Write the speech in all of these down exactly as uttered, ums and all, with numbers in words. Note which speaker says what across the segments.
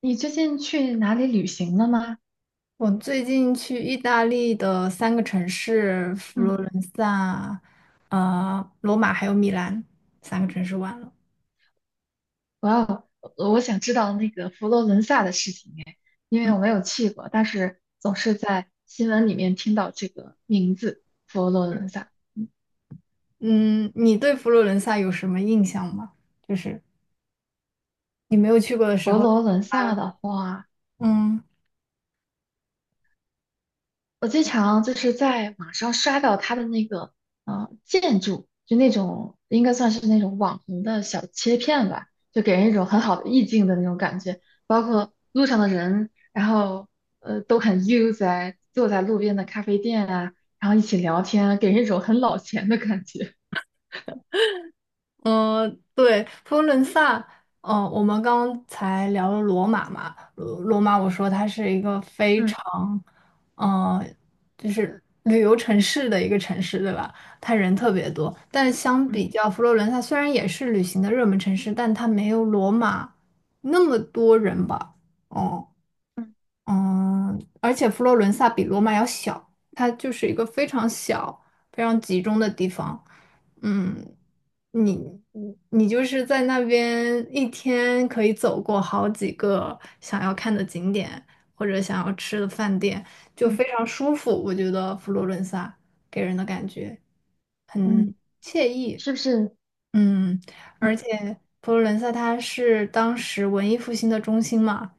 Speaker 1: 你最近去哪里旅行了吗？
Speaker 2: 我最近去意大利的三个城市，佛罗
Speaker 1: 嗯，
Speaker 2: 伦萨、呃，罗马还有米兰三个城市玩了。
Speaker 1: 哇哦我要，我想知道那个佛罗伦萨的事情哎，因为我没有去过，但是总是在新闻里面听到这个名字，佛罗伦萨。嗯。
Speaker 2: 嗯，你对佛罗伦萨有什么印象吗？就是你没有去过的时
Speaker 1: 佛
Speaker 2: 候。
Speaker 1: 罗伦萨的话，
Speaker 2: 嗯。
Speaker 1: 我经常就是在网上刷到他的那个呃建筑，就那种应该算是那种网红的小切片吧，就给人一种很好的意境的那种感觉。包括路上的人，然后呃都很悠哉，坐在路边的咖啡店啊，然后一起聊天啊给人一种很老钱的感觉。
Speaker 2: 嗯，呃对，佛罗伦萨，嗯，我们刚才聊了罗马嘛。罗罗马，我说它是一个非
Speaker 1: 嗯
Speaker 2: 常，嗯，就是旅游城市的一个城市，对吧？它人特别多，但相
Speaker 1: 嗯
Speaker 2: 比较佛罗伦萨，虽然也是旅行的热门城市，但它没有罗马那么多人吧。哦。
Speaker 1: 嗯
Speaker 2: 嗯，而且佛罗伦萨比罗马要小，它就是一个非常小、非常集中的地方。嗯，你你你就是在那边一天可以走过好几个想要看的景点或者想要吃的饭店，就
Speaker 1: 嗯
Speaker 2: 非常舒服。我觉得佛罗伦萨给人的感觉很
Speaker 1: 嗯，
Speaker 2: 惬意。
Speaker 1: 是不是？
Speaker 2: 嗯。
Speaker 1: 嗯，
Speaker 2: 而且。佛罗伦萨它是当时文艺复兴的中心嘛，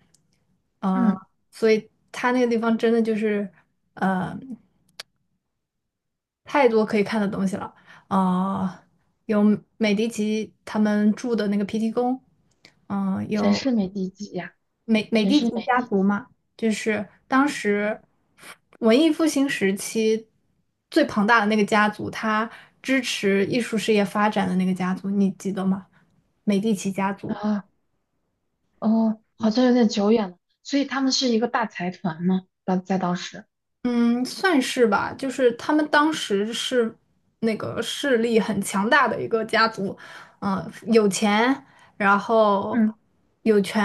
Speaker 2: 呃，
Speaker 1: 嗯，
Speaker 2: 所以它那个地方真的就是呃太多可以看的东西了，呃，有美第奇他们住的那个皮提宫，嗯、
Speaker 1: 谁
Speaker 2: 有
Speaker 1: 是美第几呀？
Speaker 2: 美美
Speaker 1: 谁
Speaker 2: 第
Speaker 1: 是
Speaker 2: 奇
Speaker 1: 美第
Speaker 2: 家
Speaker 1: 几
Speaker 2: 族嘛，就是当时文艺复兴时期最庞大的那个家族，它支持艺术事业发展的那个家族，你记得吗？美第奇家族。
Speaker 1: 啊？哦，好像有点久远了，所以他们是一个大财团嘛，当在当时。
Speaker 2: 嗯，算是吧，就是他们当时是那个势力很强大的一个家族，嗯、有钱，然后
Speaker 1: 嗯，
Speaker 2: 有权，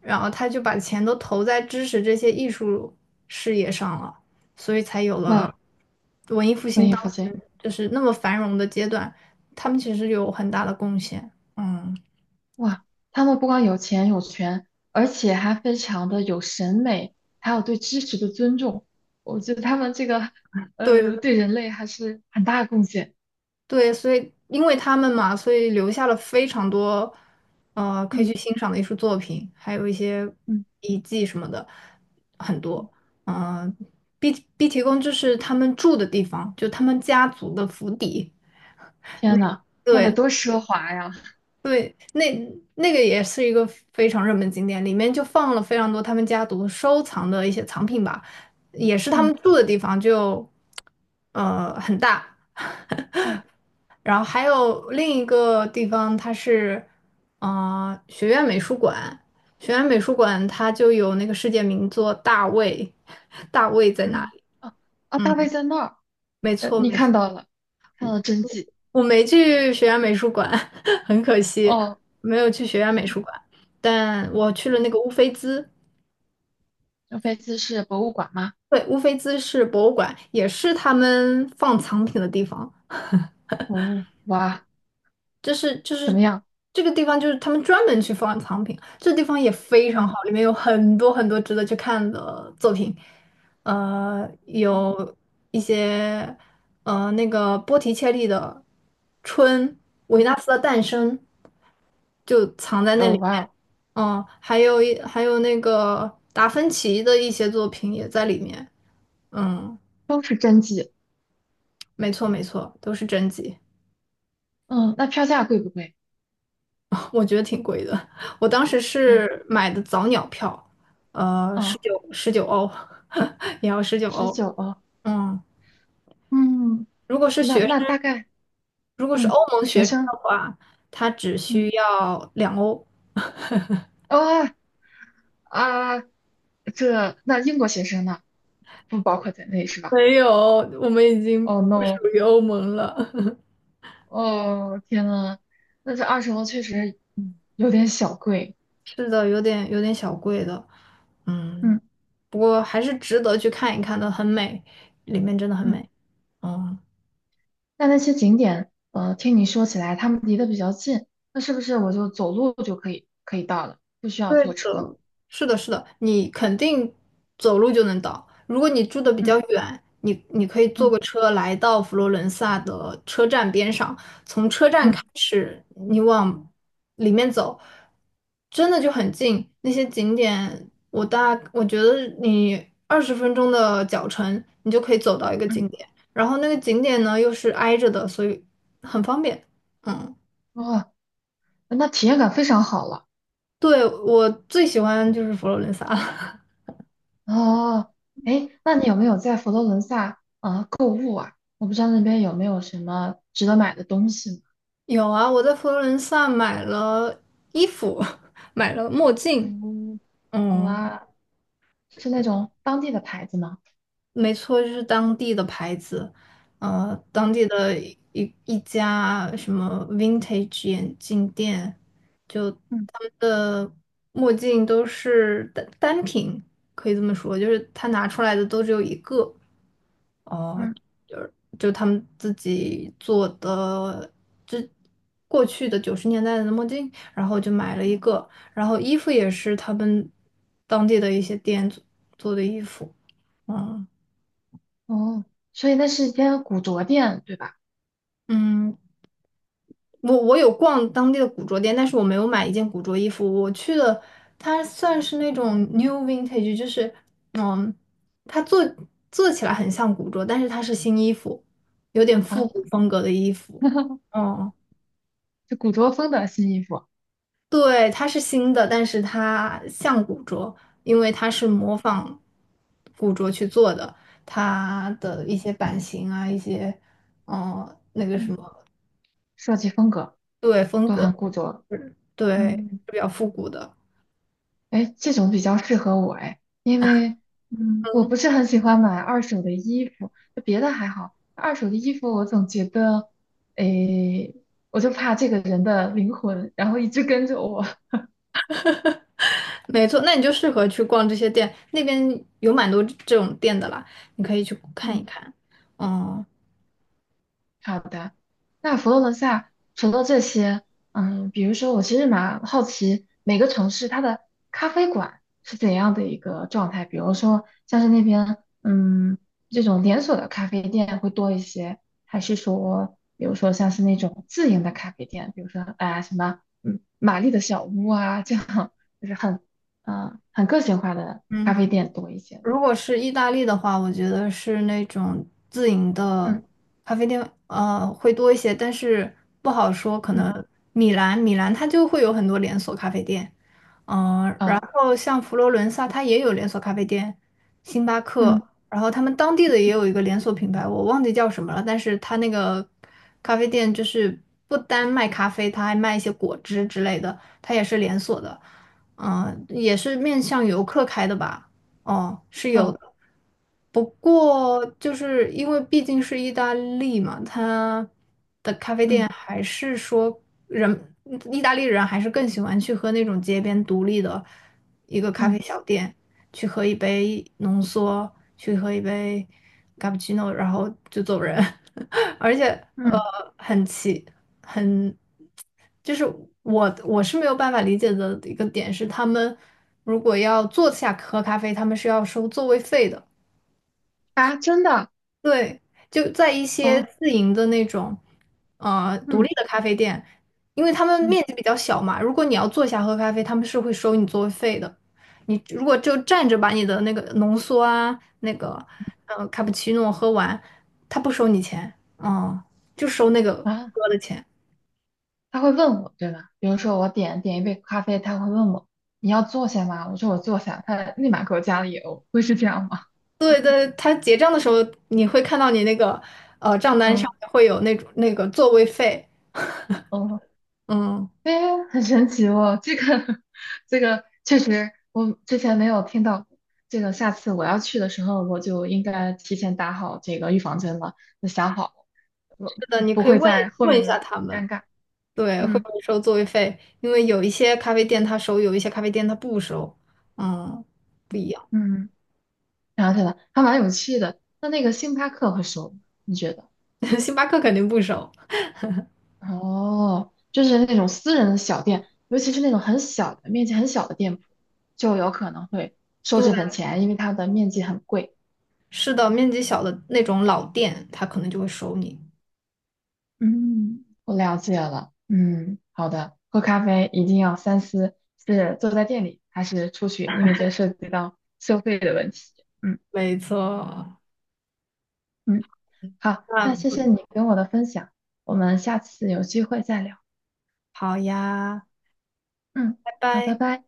Speaker 2: 然后他就把钱都投在支持这些艺术事业上了，所以才有了
Speaker 1: 哇，
Speaker 2: 文艺复兴
Speaker 1: 文艺
Speaker 2: 当
Speaker 1: 复兴，
Speaker 2: 时就是那么繁荣的阶段，他们其实有很大的贡献。嗯，
Speaker 1: 哇，他们不光有钱有权，而且还非常的有审美，还有对知识的尊重，我觉得他们这个，
Speaker 2: 对
Speaker 1: 呃，对人类还是很大的贡献。
Speaker 2: 对，所以因为他们嘛，所以留下了非常多，呃，可以
Speaker 1: 嗯
Speaker 2: 去欣赏的艺术作品，还有一些
Speaker 1: 嗯
Speaker 2: 遗迹什么的，很
Speaker 1: 嗯，
Speaker 2: 多。嗯、毕毕提宫就是他们住的地方，就他们家族的府邸。那，
Speaker 1: 天呐，那得
Speaker 2: 对
Speaker 1: 多奢华呀。
Speaker 2: 对，那那个也是一个非常热门景点，里面就放了非常多他们家族收藏的一些藏品吧，也是他
Speaker 1: 嗯
Speaker 2: 们住的地方，就呃很大。
Speaker 1: 嗯
Speaker 2: 然后还有另一个地方，它是，呃，学院美术馆。学院美术馆它就有那个世界名作《大卫》。大卫在哪
Speaker 1: 嗯，
Speaker 2: 里？
Speaker 1: 啊啊，大卫
Speaker 2: 嗯，
Speaker 1: 在那儿。
Speaker 2: 没
Speaker 1: 呃，
Speaker 2: 错
Speaker 1: 你
Speaker 2: 没错，
Speaker 1: 看到了，看到了真迹。
Speaker 2: 我没去学院美术馆。很可惜，
Speaker 1: 哦，
Speaker 2: 没有去学院美
Speaker 1: 嗯
Speaker 2: 术馆，但我去了那
Speaker 1: 嗯，
Speaker 2: 个乌菲兹。
Speaker 1: 这飞机是博物馆吗？
Speaker 2: 对，乌菲兹是博物馆，也是他们放藏品的地方。
Speaker 1: 哦，哇，
Speaker 2: 就是就
Speaker 1: 怎
Speaker 2: 是
Speaker 1: 么样？
Speaker 2: 这个地方就是他们专门去放藏品，这地方也非常
Speaker 1: 嗯
Speaker 2: 好，里面有很多很多值得去看的作品，呃，
Speaker 1: 嗯
Speaker 2: 有一些呃那个波提切利的《春》、维
Speaker 1: 嗯，
Speaker 2: 纳斯的诞生就藏在那里
Speaker 1: 哦，哇
Speaker 2: 面，
Speaker 1: 哦，
Speaker 2: 嗯，还有一还有那个达芬奇的一些作品也在里面。嗯，
Speaker 1: 都是真迹。
Speaker 2: 没错没错，都是真迹。
Speaker 1: 嗯，那票价贵不贵？
Speaker 2: 我觉得挺贵的。我当时
Speaker 1: 嗯
Speaker 2: 是买的早鸟票，呃，十
Speaker 1: 哦，
Speaker 2: 九十九欧，也要十九
Speaker 1: 十
Speaker 2: 欧。
Speaker 1: 九哦。
Speaker 2: 嗯，
Speaker 1: 嗯，
Speaker 2: 如果是
Speaker 1: 那
Speaker 2: 学
Speaker 1: 那
Speaker 2: 生，
Speaker 1: 大概。
Speaker 2: 如果是
Speaker 1: 嗯，
Speaker 2: 欧盟
Speaker 1: 学
Speaker 2: 学生
Speaker 1: 生。
Speaker 2: 的话，他只需
Speaker 1: 嗯，
Speaker 2: 要两欧。
Speaker 1: 哦啊，这那英国学生呢？不包括在内是吧？
Speaker 2: 没有，我们已经
Speaker 1: 哦
Speaker 2: 不属
Speaker 1: no，
Speaker 2: 于欧盟了。
Speaker 1: 哦天呐，那这二十欧确实，嗯，有点小贵。
Speaker 2: 是的，有点有点小贵的，嗯，
Speaker 1: 嗯
Speaker 2: 不过还是值得去看一看的，很美，里面真的很
Speaker 1: 嗯。
Speaker 2: 美。嗯。
Speaker 1: 那那些景点，呃，听你说起来，他们离得比较近，那是不是我就走路就可以可以到了，不需要
Speaker 2: 对
Speaker 1: 坐车了？
Speaker 2: 的，是的，是的，你肯定走路就能到。如果你住的比较
Speaker 1: 嗯
Speaker 2: 远，你你可以坐
Speaker 1: 嗯
Speaker 2: 个车来到佛罗伦萨的车站边上，
Speaker 1: 嗯
Speaker 2: 你往里面走，真的就很近。那些景点，我大我觉得你二十分钟的脚程，你就可以走到一个
Speaker 1: 嗯，
Speaker 2: 景点。然后那个景点呢又是挨着的，所以很方便。嗯，
Speaker 1: 哦，那体验感非常好了。
Speaker 2: 对，我最喜欢就是佛罗伦萨了。
Speaker 1: 哦，哎，那你有没有在佛罗伦萨呃购物啊？我不知道那边有没有什么值得买的东西呢？
Speaker 2: 有啊，我在佛罗伦萨买了衣服，买了墨镜。
Speaker 1: 嗯
Speaker 2: 嗯，
Speaker 1: 哇，是那种当地的牌子吗？
Speaker 2: 没错，就是当地的牌子，呃，当
Speaker 1: 嗯
Speaker 2: 地的一一家什么 vintage 眼镜店，就
Speaker 1: 嗯
Speaker 2: 他们的墨镜都是单单品，可以这么说，就是他拿出来的都只有一个，
Speaker 1: 嗯，
Speaker 2: 就他们自己做的，这过去的九十年代的墨镜，然后就买了一个，然后衣服也是他们当地的一些店做做的衣服。嗯
Speaker 1: 哦，所以那是一间古着店，对吧？
Speaker 2: 嗯，我我有逛当地的古着店，但是我没有买一件古着衣服，我去的它算是那种 new vintage,就是，嗯，它做做起来很像古着，但是它是新衣服，有点
Speaker 1: 啊，
Speaker 2: 复古风格的衣服。嗯。
Speaker 1: 是古着风的新衣服。
Speaker 2: 对，它是新的，但是它像古着，因为它是模仿古着去做的，它的一些版型啊，一些，嗯、
Speaker 1: 嗯。设计风格
Speaker 2: 对，风
Speaker 1: 都很
Speaker 2: 格，
Speaker 1: 固着。
Speaker 2: 是对，是
Speaker 1: 嗯，
Speaker 2: 比较复古的，
Speaker 1: 哎，这种比较适合我哎，因为嗯，我不是很喜欢买二手的衣服，就别的还好，二手的衣服我总觉得，哎，我就怕这个人的灵魂，然后一直跟着我。
Speaker 2: 没错。那你就适合去逛这些店，那边有蛮多这种店的啦，你可以去 看一
Speaker 1: 嗯。
Speaker 2: 看。嗯
Speaker 1: 好的。那佛罗伦萨除了这些，嗯，比如说，我其实蛮好奇每个城市它的咖啡馆是怎样的一个状态，比如说像是那边，嗯，这种连锁的咖啡店会多一些，还是说，比如说像是那种自营的咖啡店，比如说啊、哎什么，嗯，玛丽的小屋啊，这样就是很，嗯、很个性化的
Speaker 2: 嗯，
Speaker 1: 咖啡店多一些。
Speaker 2: 如果是意大利的话，我觉得是那种自营的
Speaker 1: 嗯
Speaker 2: 咖啡店，呃，会多一些，但是不好说。可
Speaker 1: 嗯，
Speaker 2: 能米兰，米兰它就会有很多连锁咖啡店，嗯、然
Speaker 1: 哦，
Speaker 2: 后像佛罗伦萨，它也有连锁咖啡店，星巴克。
Speaker 1: 嗯，
Speaker 2: 然后他们当地的也有一个连锁品牌，我忘记叫什么了，但是它那个咖啡店就是不单卖咖啡，它还卖一些果汁之类的，它也是连锁的，嗯、也是面向
Speaker 1: 是不
Speaker 2: 游
Speaker 1: 是
Speaker 2: 客开的吧。哦，是有的，
Speaker 1: 哦，
Speaker 2: 不过就是因为毕竟是意大利嘛，它的咖啡店
Speaker 1: 嗯
Speaker 2: 还是说人，意大利人还是更喜欢去喝那种街边独立的一个咖
Speaker 1: 嗯
Speaker 2: 啡小店，去喝一杯浓缩，去喝一杯 cappuccino,然后就走人。而且，呃，
Speaker 1: 嗯。
Speaker 2: 很奇，很，就是我我是没有办法理解的一个点是，他们如果要坐下喝咖啡，他们是要收座位费的。
Speaker 1: 啊，真的
Speaker 2: 对，就在一些
Speaker 1: 哦，
Speaker 2: 自营的那种，呃，独立
Speaker 1: 嗯
Speaker 2: 的咖啡店，因为他们
Speaker 1: 嗯
Speaker 2: 面积比较小嘛，如果你要坐下喝咖啡，他们是会收你座位费的。你如果就站着把你的那个浓缩啊，那个呃卡布奇诺喝完，他不收你钱，嗯，就收那个
Speaker 1: 啊，
Speaker 2: 喝的钱。
Speaker 1: 他会问我，对吧？比如说我点点一杯咖啡，他会问我你要坐下吗？我说我坐下，他立马给我加了油，会是这样吗？
Speaker 2: 对对，他结账的时候你会看到你那个呃账单
Speaker 1: 嗯，
Speaker 2: 上面会有那种那个座位费。
Speaker 1: 哦，
Speaker 2: 嗯，
Speaker 1: 哎，很神奇哦，这个 这个确实我之前没有听到过。这个下次我要去的时候，我就应该提前打好这个预防针了，就想好，
Speaker 2: 是
Speaker 1: 我
Speaker 2: 的，你
Speaker 1: 不
Speaker 2: 可以
Speaker 1: 会
Speaker 2: 问
Speaker 1: 在后
Speaker 2: 问一
Speaker 1: 面
Speaker 2: 下
Speaker 1: 的
Speaker 2: 他们。
Speaker 1: 尴尬。
Speaker 2: 对，会
Speaker 1: 嗯
Speaker 2: 不会收座位费？因为有一些咖啡店它收，有一些咖啡店它不收。嗯，不
Speaker 1: 嗯。
Speaker 2: 一样。
Speaker 1: 嗯想起来了，还蛮有趣的。那那个星巴克会收吗？你觉得？
Speaker 2: 星巴克肯定不收。
Speaker 1: 哦，就是那种私人的小店，尤其是那种很小的、面积很小的店铺，就有可能会收
Speaker 2: 对，
Speaker 1: 这份钱，因为它的面积很贵。
Speaker 2: 是的，面积小的那种老店，它可能就会收你。
Speaker 1: 嗯，我了解了。嗯，好的。喝咖啡一定要三思，是坐在店里还是出去，因为这涉及到收费的问题。嗯
Speaker 2: 没错，
Speaker 1: 嗯，好，那谢谢
Speaker 2: 那
Speaker 1: 你跟我的分享，我们下次有机会再聊。
Speaker 2: 好呀，
Speaker 1: 嗯，
Speaker 2: 拜
Speaker 1: 好，
Speaker 2: 拜。
Speaker 1: 拜拜。